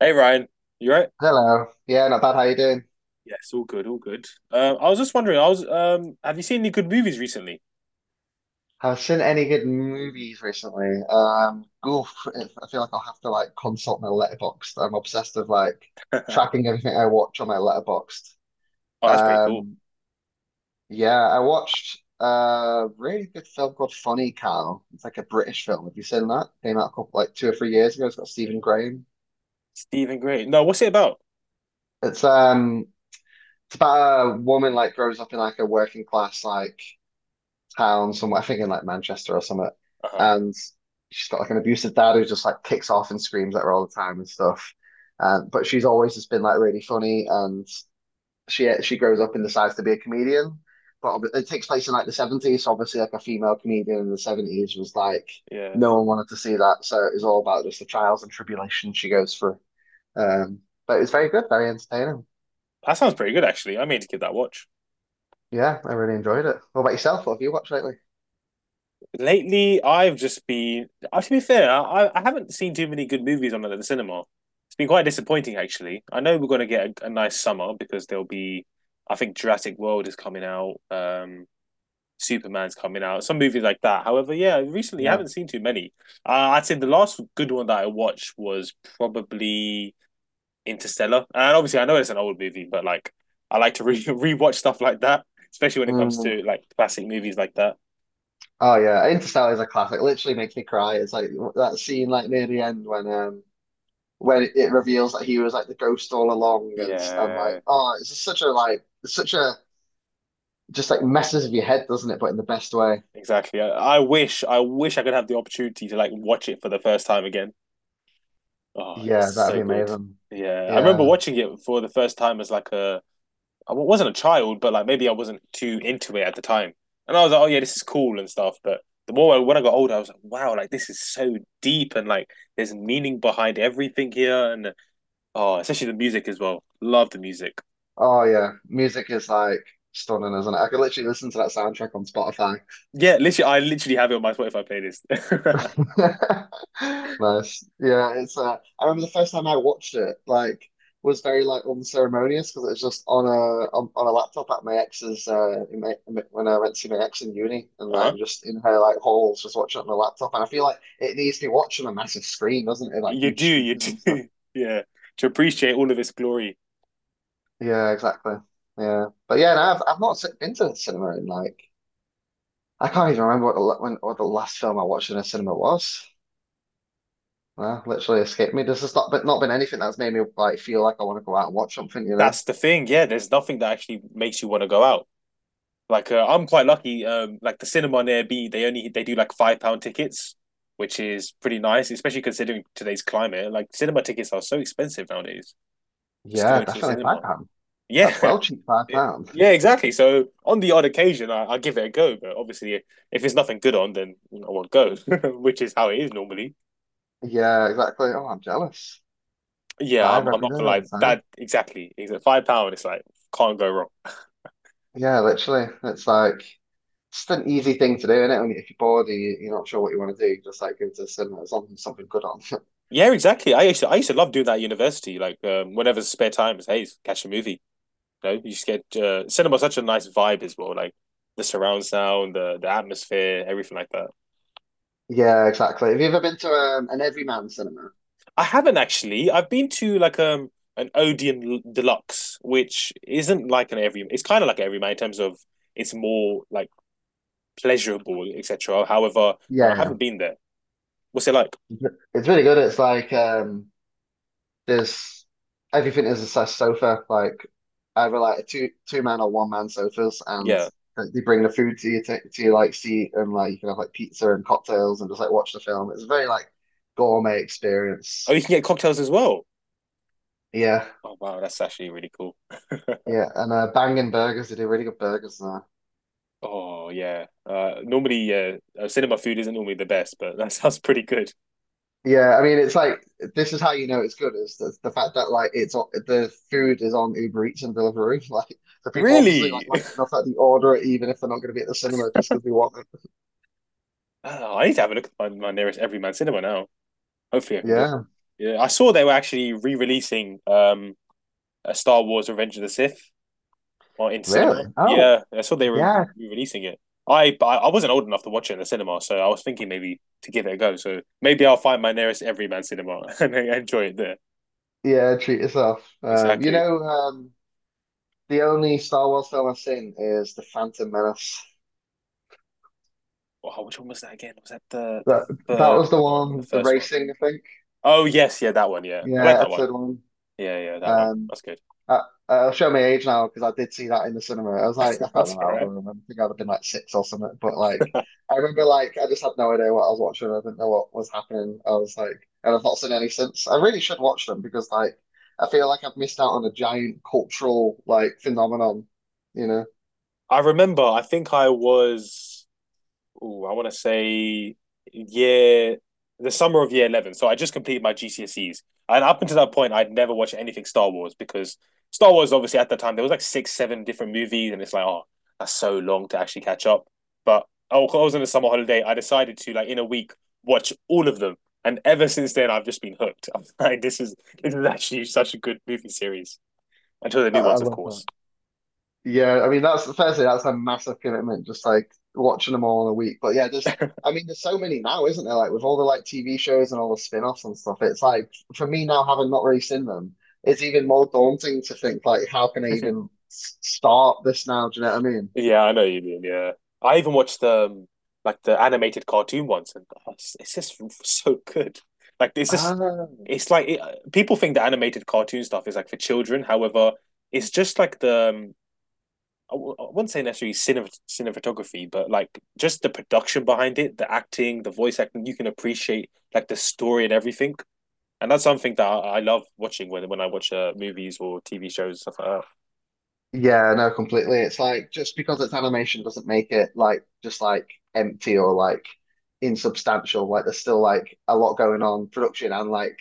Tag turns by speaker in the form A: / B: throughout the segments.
A: Hey Ryan, you right?
B: Hello. Yeah, not bad. How you doing?
A: Yes, all good, all good. I was just wondering, I was have you seen any good movies recently?
B: Have seen any good movies recently? I feel like I'll have to like consult my letterbox. I'm obsessed with like tracking everything I watch on my letterbox.
A: Oh, that's pretty cool.
B: Um, yeah, I watched a really good film called Funny Cow. It's like a British film. Have you seen that? Came out a couple, like 2 or 3 years ago. It's got Stephen Graham.
A: Stephen Gray. No, what's it about?
B: It's um, it's about a woman like grows up in like a working class like town somewhere. I think in like Manchester or something.
A: Uh-huh.
B: And she's got like an abusive dad who just like kicks off and screams at her all the time and stuff. But she's always just been like really funny, and she grows up and decides to be a comedian. But it takes place in like the 70s, so obviously like a female comedian in the 70s was like
A: Yeah.
B: no one wanted to see that, so it was all about just the trials and tribulations she goes through. Um, but it's very good, very entertaining.
A: That sounds pretty good actually. I mean to give that a watch.
B: Yeah, I really enjoyed it. What about yourself? What have you watched lately?
A: Lately, I've just been to be fair, I haven't seen too many good movies on at the cinema. It's been quite disappointing actually. I know we're gonna get a nice summer because there'll be I think Jurassic World is coming out. Superman's coming out, some movie like that. However, yeah, recently I
B: Yeah.
A: haven't seen too many. I'd say the last good one that I watched was probably Interstellar, and obviously I know it's an old movie, but I like to re rewatch stuff like that, especially when it comes
B: Mm.
A: to like classic movies like that.
B: Oh yeah, Interstellar is a classic. Literally makes me cry. It's like that scene like near the end when when it reveals that he was like the ghost all along, and like,
A: Yeah,
B: oh, it's just such a like, it's such a just like messes with your head, doesn't it? But in the best way.
A: exactly. I wish I could have the opportunity to like watch it for the first time again. Oh, it was
B: Yeah, that'd
A: so
B: be
A: good.
B: amazing.
A: Yeah, I remember
B: Yeah.
A: watching it for the first time as like a I wasn't a child, but like maybe I wasn't too into it at the time. And I was like, oh yeah, this is cool and stuff. But when I got older, I was like, wow, like this is so deep and like there's meaning behind everything here. And oh, especially the music as well. Love the music.
B: Oh yeah, music is like stunning, isn't it? I could literally listen to that soundtrack on Spotify.
A: Yeah, literally, I literally have it on my Spotify playlist.
B: Nice. Yeah, it's I remember the first time I watched it, like was very like unceremonious because it was just on a on a laptop at my ex's in my, when I went to see my ex in uni and
A: Uh-huh.
B: like just in her like halls just watching it on the laptop and I feel like it needs to be watched on a massive screen, doesn't it? Like
A: You do,
B: huge
A: you
B: speakers
A: do.
B: and stuff.
A: Yeah. To appreciate all of its glory.
B: Yeah, exactly. Yeah. But yeah, no, I've not been to the cinema in like I can't even remember what the when what the last film I watched in a cinema was. Nah, literally escaped me. This has not been, not been anything that's made me like feel like I want to go out and watch something, you know?
A: That's the thing. Yeah, there's nothing that actually makes you want to go out. I'm quite lucky. Like the cinema near B, they do like £5 tickets, which is pretty nice, especially considering today's climate. Like cinema tickets are so expensive nowadays. Just
B: Yeah,
A: going to the
B: definitely
A: cinema.
B: £5. That's
A: Yeah,
B: well cheap, £5.
A: yeah, exactly. So on the odd occasion, I give it a go. But obviously, if there's nothing good on, then I won't go, which is how it is normally.
B: Yeah, exactly. Oh, I'm jealous.
A: Yeah,
B: Five
A: I'm
B: every
A: not
B: day
A: gonna
B: all
A: lie.
B: the time.
A: That exactly. Exactly. £5. It's like can't go wrong.
B: Yeah, literally. It's like just an easy thing to do, isn't it? When, if you're bored and you, you're not sure what you want to do, you just like go to the cinema. There's something good on.
A: Yeah, exactly. I used to love doing that at university. Whenever spare time is, hey, catch a movie. You know, you just get cinema such a nice vibe as well, like the surround sound, the atmosphere, everything like that.
B: Yeah, exactly. Have you ever been to an Everyman cinema?
A: I haven't actually. I've been to an Odeon Deluxe, which isn't like an every. It's kind of like an everyman in terms of it's more like pleasurable, etc. However, no, I haven't
B: Yeah,
A: been there. What's it like?
B: yeah. It's really good. It's like there's everything is a size sofa. Like either like two man or one man sofas, and
A: Yeah.
B: they bring the food to you to your like seat, and like you can have like pizza and cocktails and just like watch the film. It's a very like gourmet
A: Oh,
B: experience.
A: you can get cocktails as well.
B: Yeah,
A: Oh wow, that's actually really cool.
B: yeah, and bangin' burgers. They do really good burgers there.
A: oh yeah. Cinema food isn't normally the best, but that sounds pretty good.
B: Yeah, I mean, it's like this is how you know it's good is the fact that like it's on, the food is on Uber Eats and Deliveroo. Like the people obviously
A: Really?
B: like it enough that they order it even if they're not going to be at the cinema just because they want it.
A: I don't know. I need to have a look at my nearest Everyman cinema now. Hopefully, I can go.
B: Yeah.
A: Yeah, I saw they were actually re-releasing a Star Wars: Revenge of the Sith on in
B: Really?
A: cinema.
B: Oh,
A: Yeah, I saw they were
B: yeah.
A: re-releasing it. I wasn't old enough to watch it in the cinema, so I was thinking maybe to give it a go. So maybe I'll find my nearest Everyman cinema and enjoy it there.
B: Yeah, treat yourself.
A: Exactly.
B: The only Star Wars film I've seen is The Phantom Menace.
A: Wow, which one was that again? Was that the
B: That that
A: third
B: was the
A: one or the
B: one, the
A: first one?
B: racing, I think.
A: Oh yes, yeah, that one. Yeah, I like
B: Yeah,
A: that one.
B: episode one.
A: Yeah, yeah, that one.
B: Um,
A: That's good.
B: Uh, show my age now because I did see that in the cinema. I was like, I can't
A: That's
B: remember
A: all
B: how old I
A: right.
B: don't remember. I think I'd have been like six or something. But like, I remember like I just had no idea what I was watching. I didn't know what was happening. I was like, and I've not seen any since. I really should watch them because like I feel like I've missed out on a giant cultural like phenomenon. You know,
A: I remember, I think I was, ooh, I want to say year, the summer of year 11. So I just completed my GCSEs. And up until that point, I'd never watched anything Star Wars because Star Wars, obviously, at the time, there was like six, seven different movies. And it's like, oh, that's so long to actually catch up. But oh, I was on a summer holiday. I decided to, like, in a week, watch all of them. And ever since then, I've just been hooked. I'm like, this is actually such a good movie series until the new
B: I
A: ones, of
B: love that.
A: course.
B: Yeah, I mean that's firstly that's a massive commitment, just like watching them all in a week. But yeah, just I mean, there's so many now, isn't there? Like with all the like TV shows and all the spin-offs and stuff, it's like for me now, having not really seen them, it's even more daunting to think like how can I even start this now? Do you know what I mean?
A: Yeah, I know what you mean. Yeah, I even watched the animated cartoon once, and oh, it's just so good. Like it's just
B: Ah,
A: it's like it, people think the animated cartoon stuff is like for children. However, it's just like the I w- I wouldn't say necessarily cinematography, but like just the production behind it, the acting, the voice acting. You can appreciate like the story and everything, and that's something that I love watching when I watch movies or TV shows stuff like that.
B: yeah, no, completely. It's like just because it's animation doesn't make it like just like empty or like insubstantial. Like there's still like a lot going on, production and like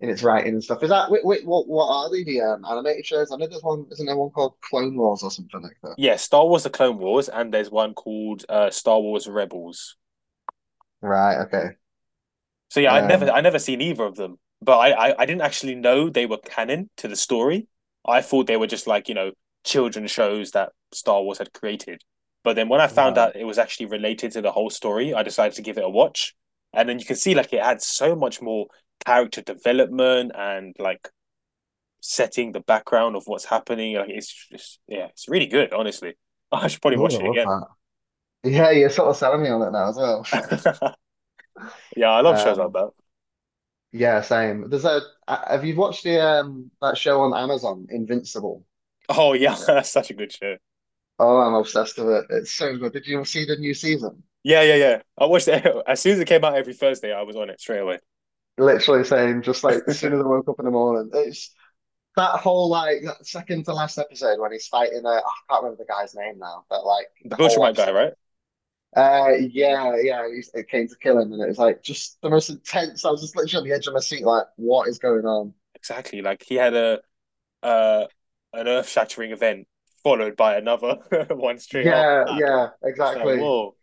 B: in its writing and stuff. Is that wait, what are they the animated shows? I know there's one, isn't there one called Clone Wars or something like that?
A: Yeah, Star Wars: The Clone Wars, and there's one called Star Wars Rebels.
B: Right. Okay.
A: So yeah, I'd never
B: Um.
A: I never seen either of them, but I didn't actually know they were canon to the story. I thought they were just like you know children shows that Star Wars had created. But then when I found out
B: Right.
A: it was actually related to the whole story, I decided to give it a watch. And then you can see like it had so much more character development and like setting the background of what's happening. Like it's just yeah, it's really good. Honestly, I should probably
B: Oh,
A: watch
B: I
A: it
B: love that. Yeah, you're sort of selling me on it now as well.
A: again. Yeah, I love shows like
B: Um.
A: that.
B: Yeah, same. There's a. Have you watched the that show on Amazon, Invincible?
A: Oh yeah, that's such a good show.
B: Oh, I'm obsessed with it. It's so good. Did you see the new season?
A: Yeah. I watched it as soon as it came out every Thursday. I was on it straight away.
B: Literally saying just like as soon as I woke up in the morning, it's that whole like that second to last episode when he's fighting. I can't remember the guy's name now, but like
A: The
B: the whole
A: Bilchamite guy,
B: episode
A: right?
B: Yeah, yeah, it came to kill him, and it was like just the most intense. I was just literally on the edge of my seat, like, what is going on?
A: Exactly. Like he had a uh an earth shattering event followed by another one straight off.
B: Yeah, yeah,
A: It's like
B: exactly.
A: whoa.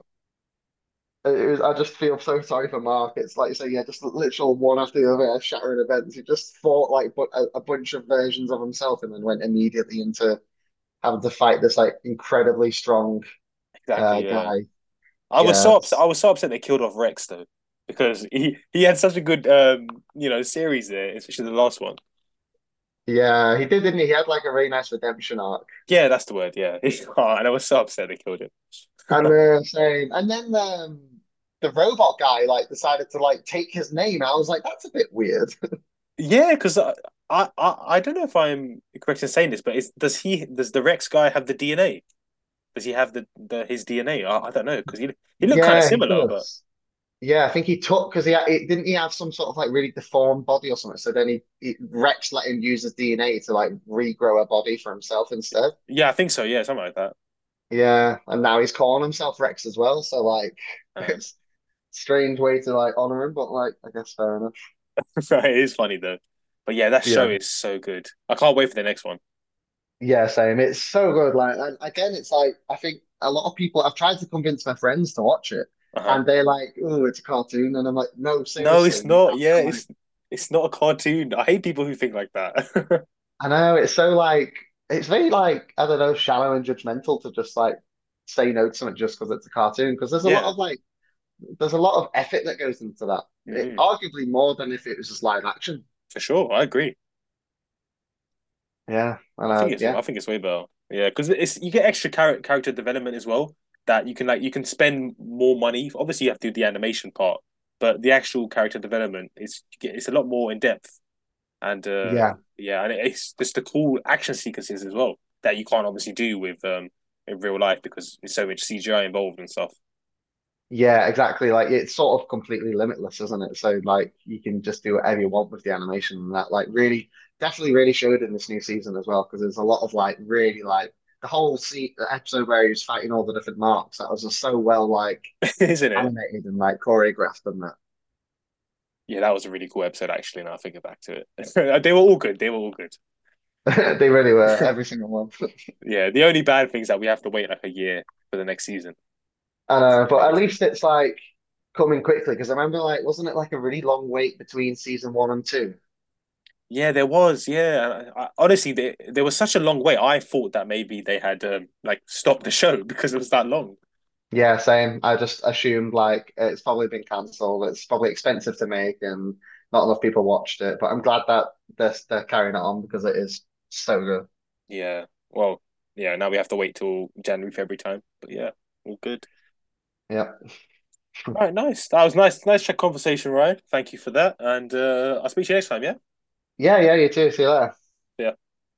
B: It was, I just feel so sorry for Mark. It's like you say, yeah, just literal one after the other, shattering events. He just fought like but a bunch of versions of himself, and then went immediately into having to fight this like incredibly strong
A: Exactly. Yeah.
B: guy.
A: I was
B: Yeah,
A: so upset.
B: it's-
A: I was so upset they killed off Rex though, because he had such a good series there, especially the last one.
B: yeah, he did, didn't he? He had like a really nice redemption arc.
A: Yeah, that's the word. Yeah. oh, and I was so upset they killed it.
B: And the same. And then the robot guy like decided to like take his name. I was like, that's a bit weird.
A: Yeah, because I don't know if I'm correct in saying this, but is does he does the Rex guy have the DNA? Does he have the his DNA? I don't know because he looked kind of
B: Yeah, he
A: similar, but
B: does. Yeah, I think he took because he had, it, didn't he have some sort of like really deformed body or something. So then he Rex let him use his DNA to like regrow a body for himself instead.
A: yeah, I think so. Yeah, something like that.
B: Yeah, and now he's calling himself Rex as well. So like,
A: Um,
B: it's a strange way to like honor him, but like, I guess fair enough.
A: it is funny though, but yeah, that show
B: Yeah.
A: is so good. I can't wait for the next one.
B: Yeah, same. It's so good. Like, and again, it's like I think a lot of people. I've tried to convince my friends to watch it,
A: Uh huh.
B: and they're like, "Oh, it's a cartoon," and I'm like, "No,
A: No,
B: seriously,
A: it's
B: you
A: not.
B: have
A: Yeah,
B: to like."
A: it's not a cartoon. I hate people who think like that.
B: I know it's so like it's very like I don't know, shallow and judgmental to just like say no to something just because it's a cartoon. Because there's a lot
A: yeah,
B: of like there's a lot of effort that goes into that. It,
A: hmm
B: arguably more than if it was just live action.
A: for sure. I agree.
B: Yeah, and
A: I think it's
B: yeah.
A: I think it's way better. Yeah, because it's you get extra character development as well. That you can like you can spend more money. Obviously, you have to do the animation part, but the actual character development is it's a lot more in depth. And
B: Yeah,
A: yeah, and it's just the cool action sequences as well that you can't obviously do with in real life because there's so much CGI involved and stuff.
B: yeah, exactly. Like it's sort of completely limitless, isn't it? So like you can just do whatever you want with the animation and that like really definitely really showed in this new season as well because there's a lot of like really like the whole se the episode where he was fighting all the different marks that was just so well like
A: Isn't it?
B: animated and like choreographed and
A: Yeah, that was a really cool episode, actually. Now I think back to it, they were all good. They were all good.
B: that they really were every single one.
A: yeah, the only bad thing is that we have to wait like a year for the next season.
B: I
A: It's
B: know,
A: the
B: but at
A: negative.
B: least it's like coming quickly because I remember like wasn't it like a really long wait between season one and two?
A: Yeah, there was. Yeah, honestly, there was such a long wait. I thought that maybe they had like stopped the show because it was that long.
B: Yeah, same. I just assumed like it's probably been cancelled. It's probably expensive to make and not enough people watched it. But I'm glad that they're carrying it on because it is so good.
A: Yeah. Well, yeah. Now we have to wait till January, February time. But yeah, all good.
B: Yeah.
A: All right. Nice. That was nice. Nice conversation, Ryan. Thank you for that. And I'll speak to you next time. Yeah.
B: Yeah, yeah, you too. See you later.
A: Yeah.